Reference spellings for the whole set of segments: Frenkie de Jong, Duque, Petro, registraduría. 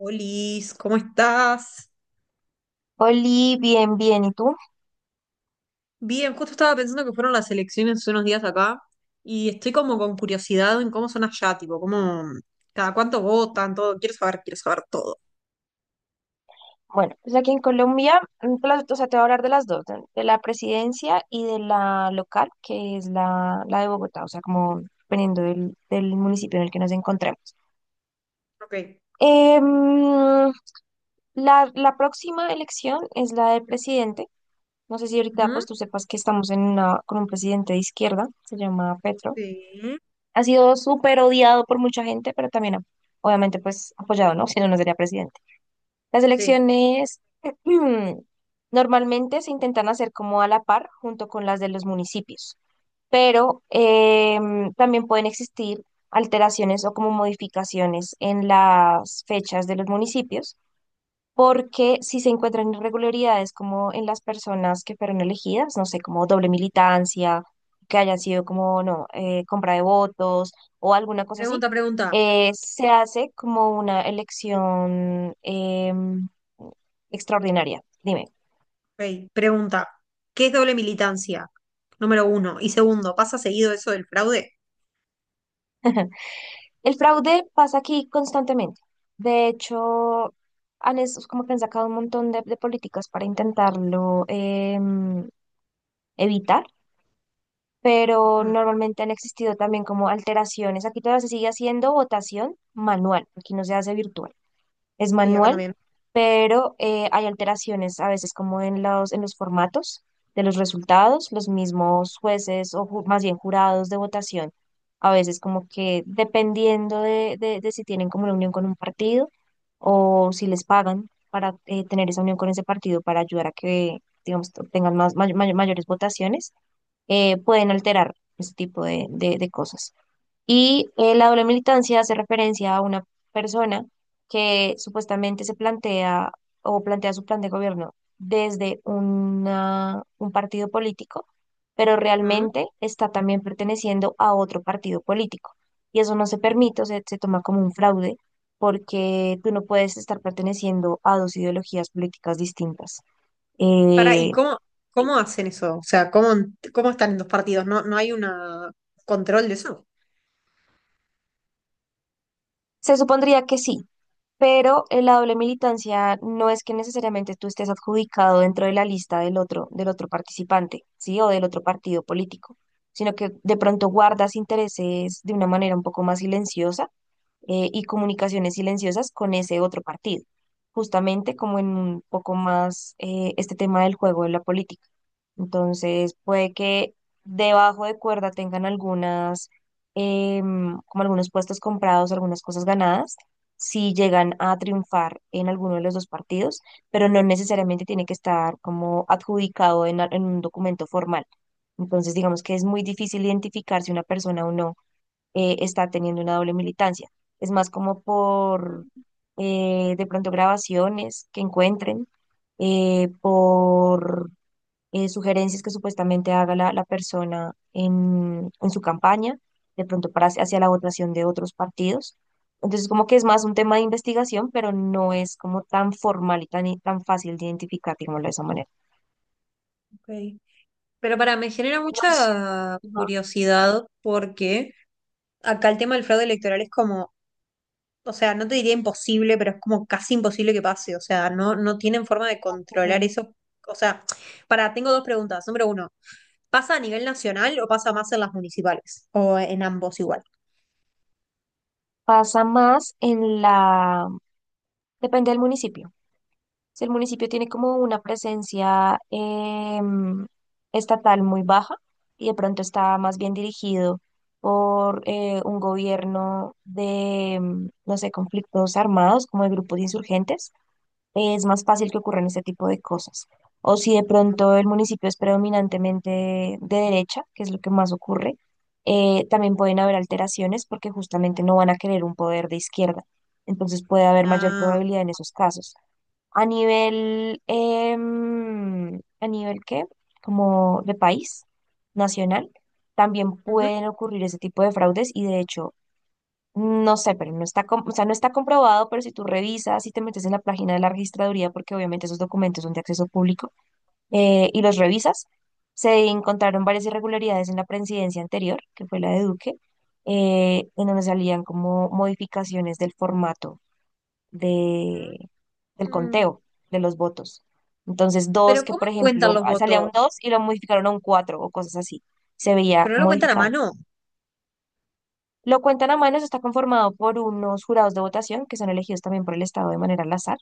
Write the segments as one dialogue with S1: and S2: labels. S1: Olis, ¿cómo estás?
S2: Oli, bien, bien. ¿Y tú?
S1: Bien, justo estaba pensando que fueron las elecciones hace unos días acá y estoy como con curiosidad en cómo son allá, tipo, cómo, cada cuánto votan, todo. Quiero saber todo.
S2: Bueno, pues aquí en Colombia, pues o sea, te voy a hablar de las dos, de la presidencia y de la local, que es la de Bogotá, o sea, como dependiendo del municipio en el que nos encontremos.
S1: Ok.
S2: Em, la próxima elección es la de presidente. No sé si ahorita
S1: Ujú.
S2: pues tú sepas que estamos en una, con un presidente de izquierda, se llama Petro.
S1: Sí.
S2: Ha sido súper odiado por mucha gente, pero también obviamente pues apoyado, ¿no? Si no, no sería presidente. Las
S1: Sí.
S2: elecciones normalmente se intentan hacer como a la par junto con las de los municipios, pero también pueden existir alteraciones o como modificaciones en las fechas de los municipios porque si se encuentran irregularidades como en las personas que fueron elegidas, no sé, como doble militancia, que hayan sido como, no, compra de votos o alguna cosa así,
S1: Pregunta.
S2: se hace como una elección extraordinaria. Dime,
S1: Ok. Pregunta. ¿Qué es doble militancia? Número uno. Y segundo, ¿pasa seguido eso del fraude?
S2: el fraude pasa aquí constantemente. De hecho, es como que han sacado un montón de políticas para intentarlo evitar, pero
S1: Ujú.
S2: normalmente han existido también como alteraciones. Aquí todavía se sigue haciendo votación manual, aquí no se hace virtual, es
S1: Sí, acá
S2: manual,
S1: también.
S2: pero hay alteraciones a veces como en en los formatos de los resultados, los mismos jueces o más bien jurados de votación, a veces como que dependiendo de si tienen como una unión con un partido o si les pagan para tener esa unión con ese partido para ayudar a que, digamos, tengan más, mayores votaciones, pueden alterar ese tipo de cosas. Y la doble militancia hace referencia a una persona que supuestamente se plantea o plantea su plan de gobierno desde un partido político, pero
S1: Ujú.
S2: realmente está también perteneciendo a otro partido político. Y eso no se permite, o sea, se toma como un fraude porque tú no puedes estar perteneciendo a dos ideologías políticas distintas.
S1: Para, ¿y
S2: Eh,
S1: cómo, cómo hacen eso? O sea, ¿cómo, cómo están en dos partidos? ¿No, no hay un control de eso?
S2: se supondría que sí, pero la doble militancia no es que necesariamente tú estés adjudicado dentro de la lista del otro participante, ¿sí? O del otro partido político, sino que de pronto guardas intereses de una manera un poco más silenciosa, y comunicaciones silenciosas con ese otro partido, justamente como en un poco más este tema del juego de la política. Entonces, puede que debajo de cuerda tengan algunas, como algunos puestos comprados, algunas cosas ganadas, si llegan a triunfar en alguno de los dos partidos, pero no necesariamente tiene que estar como adjudicado en, en un documento formal. Entonces, digamos que es muy difícil identificar si una persona o no está teniendo una doble militancia. Es más como por de pronto grabaciones que encuentren, por sugerencias que supuestamente haga la persona en su campaña, de pronto para, hacia la votación de otros partidos. Entonces, como que es más un tema de investigación, pero no es como tan formal y tan, tan fácil de identificar, digámoslo de esa manera.
S1: Ok. Pero para, me genera
S2: Nos,
S1: mucha
S2: ajá,
S1: curiosidad porque acá el tema del fraude electoral es como, o sea, no te diría imposible, pero es como casi imposible que pase. O sea, no, no tienen forma de controlar
S2: eh,
S1: eso. O sea, para, tengo dos preguntas. Número uno, ¿pasa a nivel nacional o pasa más en las municipales? ¿O en ambos igual?
S2: pasa más en depende del municipio. Si el municipio tiene como una presencia estatal muy baja y de pronto está más bien dirigido por un gobierno de, no sé, conflictos armados, como de grupos insurgentes, es más fácil que ocurran este tipo de cosas. O si de pronto el municipio es predominantemente de derecha, que es lo que más ocurre, también pueden haber alteraciones porque justamente no van a querer un poder de izquierda. Entonces puede haber mayor
S1: Ah,
S2: probabilidad en esos casos. A nivel, ¿a nivel qué? Como de país nacional, también
S1: ujú.
S2: pueden ocurrir ese tipo de fraudes y de hecho, no sé, pero no está, o sea, no está comprobado, pero si tú revisas y te metes en la página de la registraduría, porque obviamente esos documentos son de acceso público, y los revisas, se encontraron varias irregularidades en la presidencia anterior, que fue la de Duque, en donde salían como modificaciones del formato de, del
S1: Mm.
S2: conteo de los votos. Entonces, dos
S1: Pero
S2: que,
S1: ¿cómo
S2: por
S1: cuentan
S2: ejemplo,
S1: los
S2: ah, salía un
S1: votos?
S2: 2 y lo modificaron a un 4 o cosas así. Se veía
S1: Pero no lo cuentan a
S2: modificado.
S1: mano.
S2: Lo cuentan a mano, eso está conformado por unos jurados de votación que son elegidos también por el Estado de manera al azar.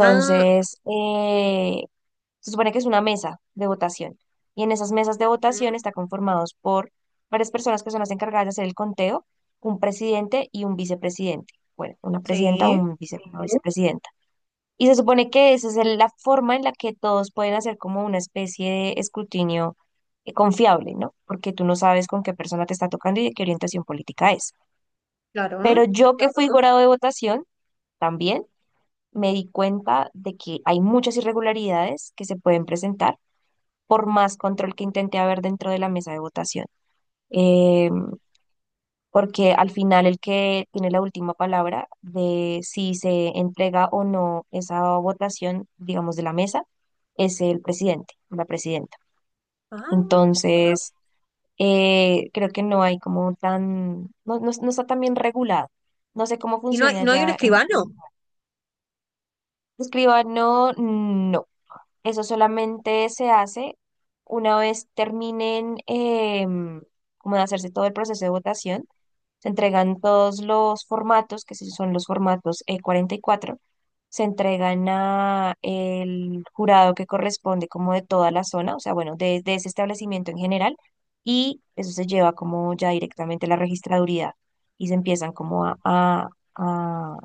S1: Ah,
S2: se supone que es una mesa de votación. Y en esas mesas de
S1: ujú.
S2: votación está conformados por varias personas que son las encargadas de hacer el conteo, un presidente y un vicepresidente. Bueno, una presidenta o
S1: Sí,
S2: un vice- Sí. vicepresidente. Y se supone que esa es la forma en la que todos pueden hacer como una especie de escrutinio confiable, ¿no? Porque tú no sabes con qué persona te está tocando y de qué orientación política es. Pero
S1: claro.
S2: yo que fui Exacto. jurado de votación, también me di cuenta de que hay muchas irregularidades que se pueden presentar por más control que intente haber dentro de la mesa de votación. Em, porque al final el que tiene la última palabra de si se entrega o no esa votación, digamos, de la mesa, es el presidente, la presidenta.
S1: Ah.
S2: Entonces, creo que no hay como tan, no, no está tan bien regulado. No sé cómo
S1: ¿Y no hay,
S2: funciona
S1: no hay un
S2: ya en...
S1: escribano?
S2: Escriba, no, no. Eso solamente se hace una vez terminen como de hacerse todo el proceso de votación. Se entregan todos los formatos, que sí son los formatos 44, se entregan a el jurado que corresponde como de toda la zona, o sea, bueno, de ese establecimiento en general, y eso se lleva como ya directamente a la registraduría y se empiezan como a,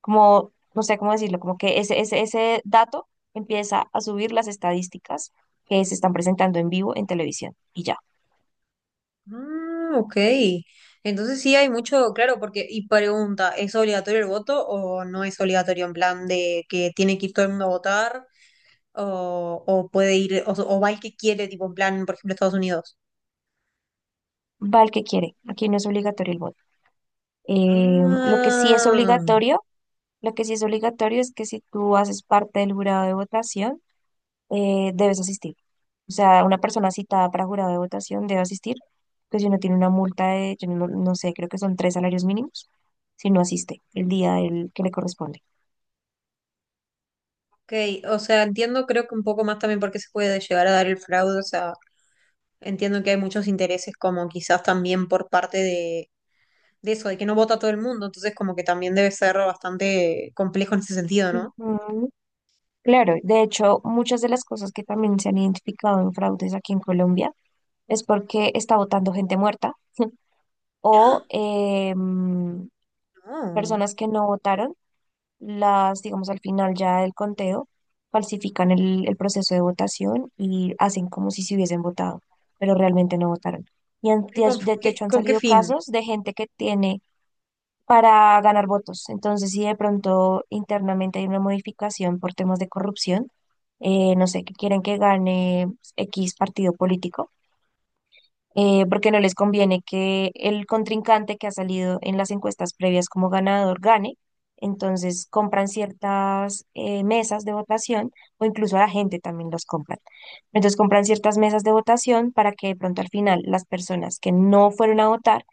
S2: como, no sé cómo decirlo, como que ese dato empieza a subir las estadísticas que se están presentando en vivo en televisión y ya.
S1: Ah, ok. Entonces sí hay mucho, claro, porque, y pregunta, ¿es obligatorio el voto o no es obligatorio en plan de que tiene que ir todo el mundo a votar o puede ir, o va el que quiere, tipo en plan, por ejemplo, Estados Unidos?
S2: Va el que quiere, aquí no es obligatorio el voto. Lo que sí es
S1: Ah,
S2: obligatorio, lo que sí es obligatorio es que si tú haces parte del jurado de votación, debes asistir. O sea, una persona citada para jurado de votación debe asistir, pues si no tiene una multa de, yo no sé, creo que son tres salarios mínimos, si no asiste el día del que le corresponde.
S1: ok. O sea, entiendo creo que un poco más también por qué se puede llegar a dar el fraude, o sea, entiendo que hay muchos intereses como quizás también por parte de eso, de que no vota todo el mundo, entonces como que también debe ser bastante complejo en ese sentido, ¿no?
S2: Ujú. Claro, de hecho, muchas de las cosas que también se han identificado en fraudes aquí en Colombia es porque está votando gente muerta o
S1: No.
S2: personas que no votaron, las, digamos, al final ya del conteo, falsifican el proceso de votación y hacen como si se hubiesen votado, pero realmente no votaron.
S1: ¿Pero
S2: De
S1: con,
S2: de
S1: qué,
S2: hecho han
S1: con qué
S2: salido
S1: fin?
S2: casos de gente que tiene para ganar votos. Entonces, si de pronto internamente hay una modificación por temas de corrupción, no sé, que quieren que gane X partido político, porque no les conviene que el contrincante que ha salido en las encuestas previas como ganador gane. Entonces compran ciertas mesas de votación o incluso a la gente también los compran. Entonces compran ciertas mesas de votación para que de pronto al final las personas que no fueron a votar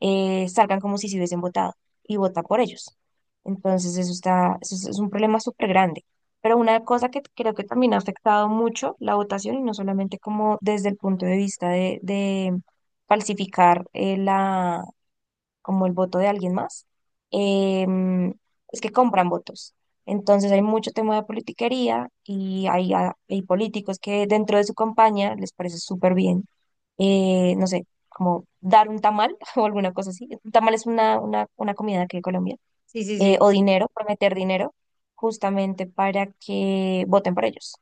S2: salgan como si se hubiesen votado y vota por ellos. Entonces, eso está, eso es un problema súper grande. Pero una cosa que creo que también ha afectado mucho la votación, y no solamente como desde el punto de vista de falsificar la, como el voto de alguien más, em, es que compran votos. Entonces hay mucho tema de politiquería y hay, hay políticos que dentro de su campaña les parece súper bien, no sé, como dar un tamal o alguna cosa así. Un tamal es una comida de aquí de Colombia.
S1: Sí, sí, sí.
S2: O dinero, prometer dinero, justamente para que voten por ellos.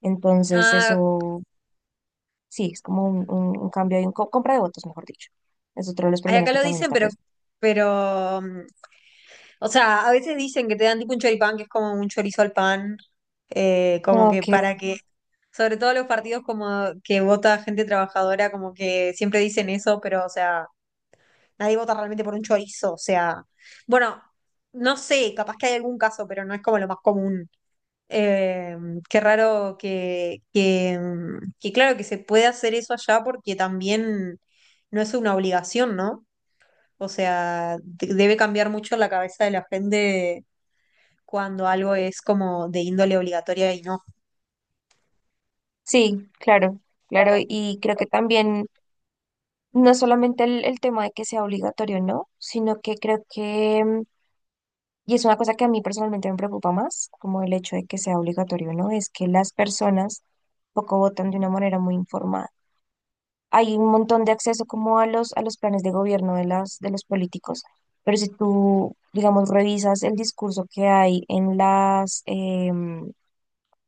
S2: Entonces
S1: Ah,
S2: eso sí, es como un, un cambio y un compra de votos, mejor dicho. Es otro de los
S1: ay,
S2: problemas
S1: acá
S2: que
S1: lo
S2: también
S1: dicen,
S2: está presente.
S1: pero, o sea, a veces dicen que te dan tipo un choripán, que es como un chorizo al pan, como que
S2: Ok.
S1: para que, sobre todo los partidos como que vota gente trabajadora, como que siempre dicen eso, pero, o sea, nadie vota realmente por un chorizo, o sea, bueno, no sé, capaz que hay algún caso, pero no es como lo más común. Eh, qué raro que, que, claro, que se puede hacer eso allá porque también no es una obligación, ¿no? O sea, debe cambiar mucho la cabeza de la gente cuando algo es como de índole obligatoria y no.
S2: Sí, claro, claro.
S1: Claro,
S2: Y creo que también no solamente el tema de que sea obligatorio, ¿no? Sino que creo que, mm, y es una cosa que a mí personalmente me preocupa más, como el hecho de que sea obligatorio, ¿no? Es que las personas poco votan de una manera muy informada. Hay un montón de acceso como a a los planes de gobierno de las, de los políticos, pero si tú, digamos, revisas el discurso que hay en las,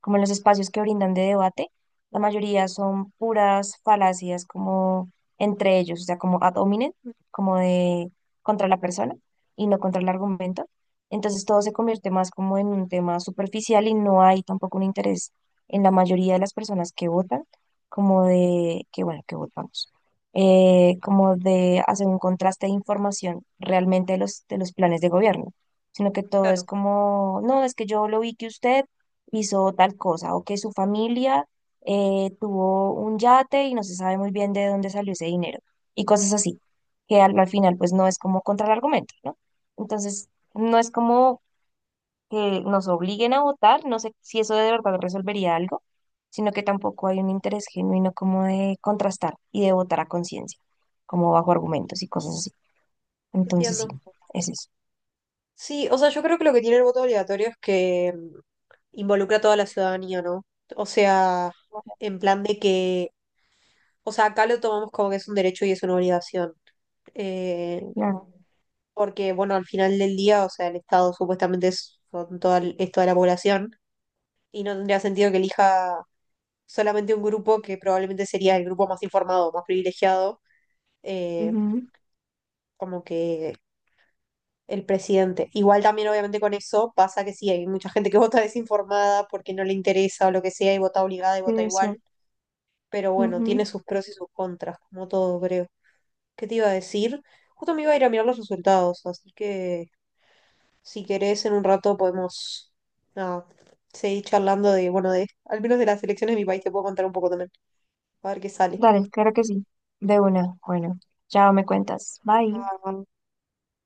S2: como en los espacios que brindan de debate, la mayoría son puras falacias como entre ellos, o sea, como ad hominem, como de contra la persona y no contra el argumento. Entonces todo se convierte más como en un tema superficial y no hay tampoco un interés en la mayoría de las personas que votan, como de que bueno, que votamos como de hacer un contraste de información realmente de los planes de gobierno, sino que todo es
S1: claro,
S2: como, no, es que yo lo vi que usted hizo tal cosa, o que su familia tuvo un yate y no se sabe muy bien de dónde salió ese dinero, y cosas así, que al, al final pues no es como contra el argumento, ¿no? Entonces, no es como que nos obliguen a votar, no sé si eso de verdad resolvería algo, sino que tampoco hay un interés genuino como de contrastar y de votar a conciencia, como bajo argumentos y cosas así. Entonces, sí,
S1: entiendo.
S2: es eso.
S1: Sí, o sea, yo creo que lo que tiene el voto obligatorio es que involucra a toda la ciudadanía, ¿no? O sea, en plan de que, o sea, acá lo tomamos como que es un derecho y es una obligación. Eh,
S2: Claro.
S1: porque, bueno, al final del día, o sea, el Estado supuestamente es, son toda, es toda la población y no tendría sentido que elija solamente un grupo que probablemente sería el grupo más informado, más privilegiado, eh,
S2: Ujú.
S1: como que el presidente. Igual también, obviamente, con eso pasa que sí, hay mucha gente que vota desinformada porque no le interesa o lo que sea y vota obligada y
S2: Sí,
S1: vota
S2: es cierto.
S1: igual, pero bueno, tiene
S2: Ujú.
S1: sus pros y sus contras, como todo, creo. ¿Qué te iba a decir? Justo me iba a ir a mirar los resultados, así que... Si querés, en un rato podemos nada, seguir charlando de, bueno, de, al menos de las elecciones de mi país, te puedo contar un poco también, a ver qué sale.
S2: Dale, claro que sí. De una. Bueno, chao, me cuentas. Bye.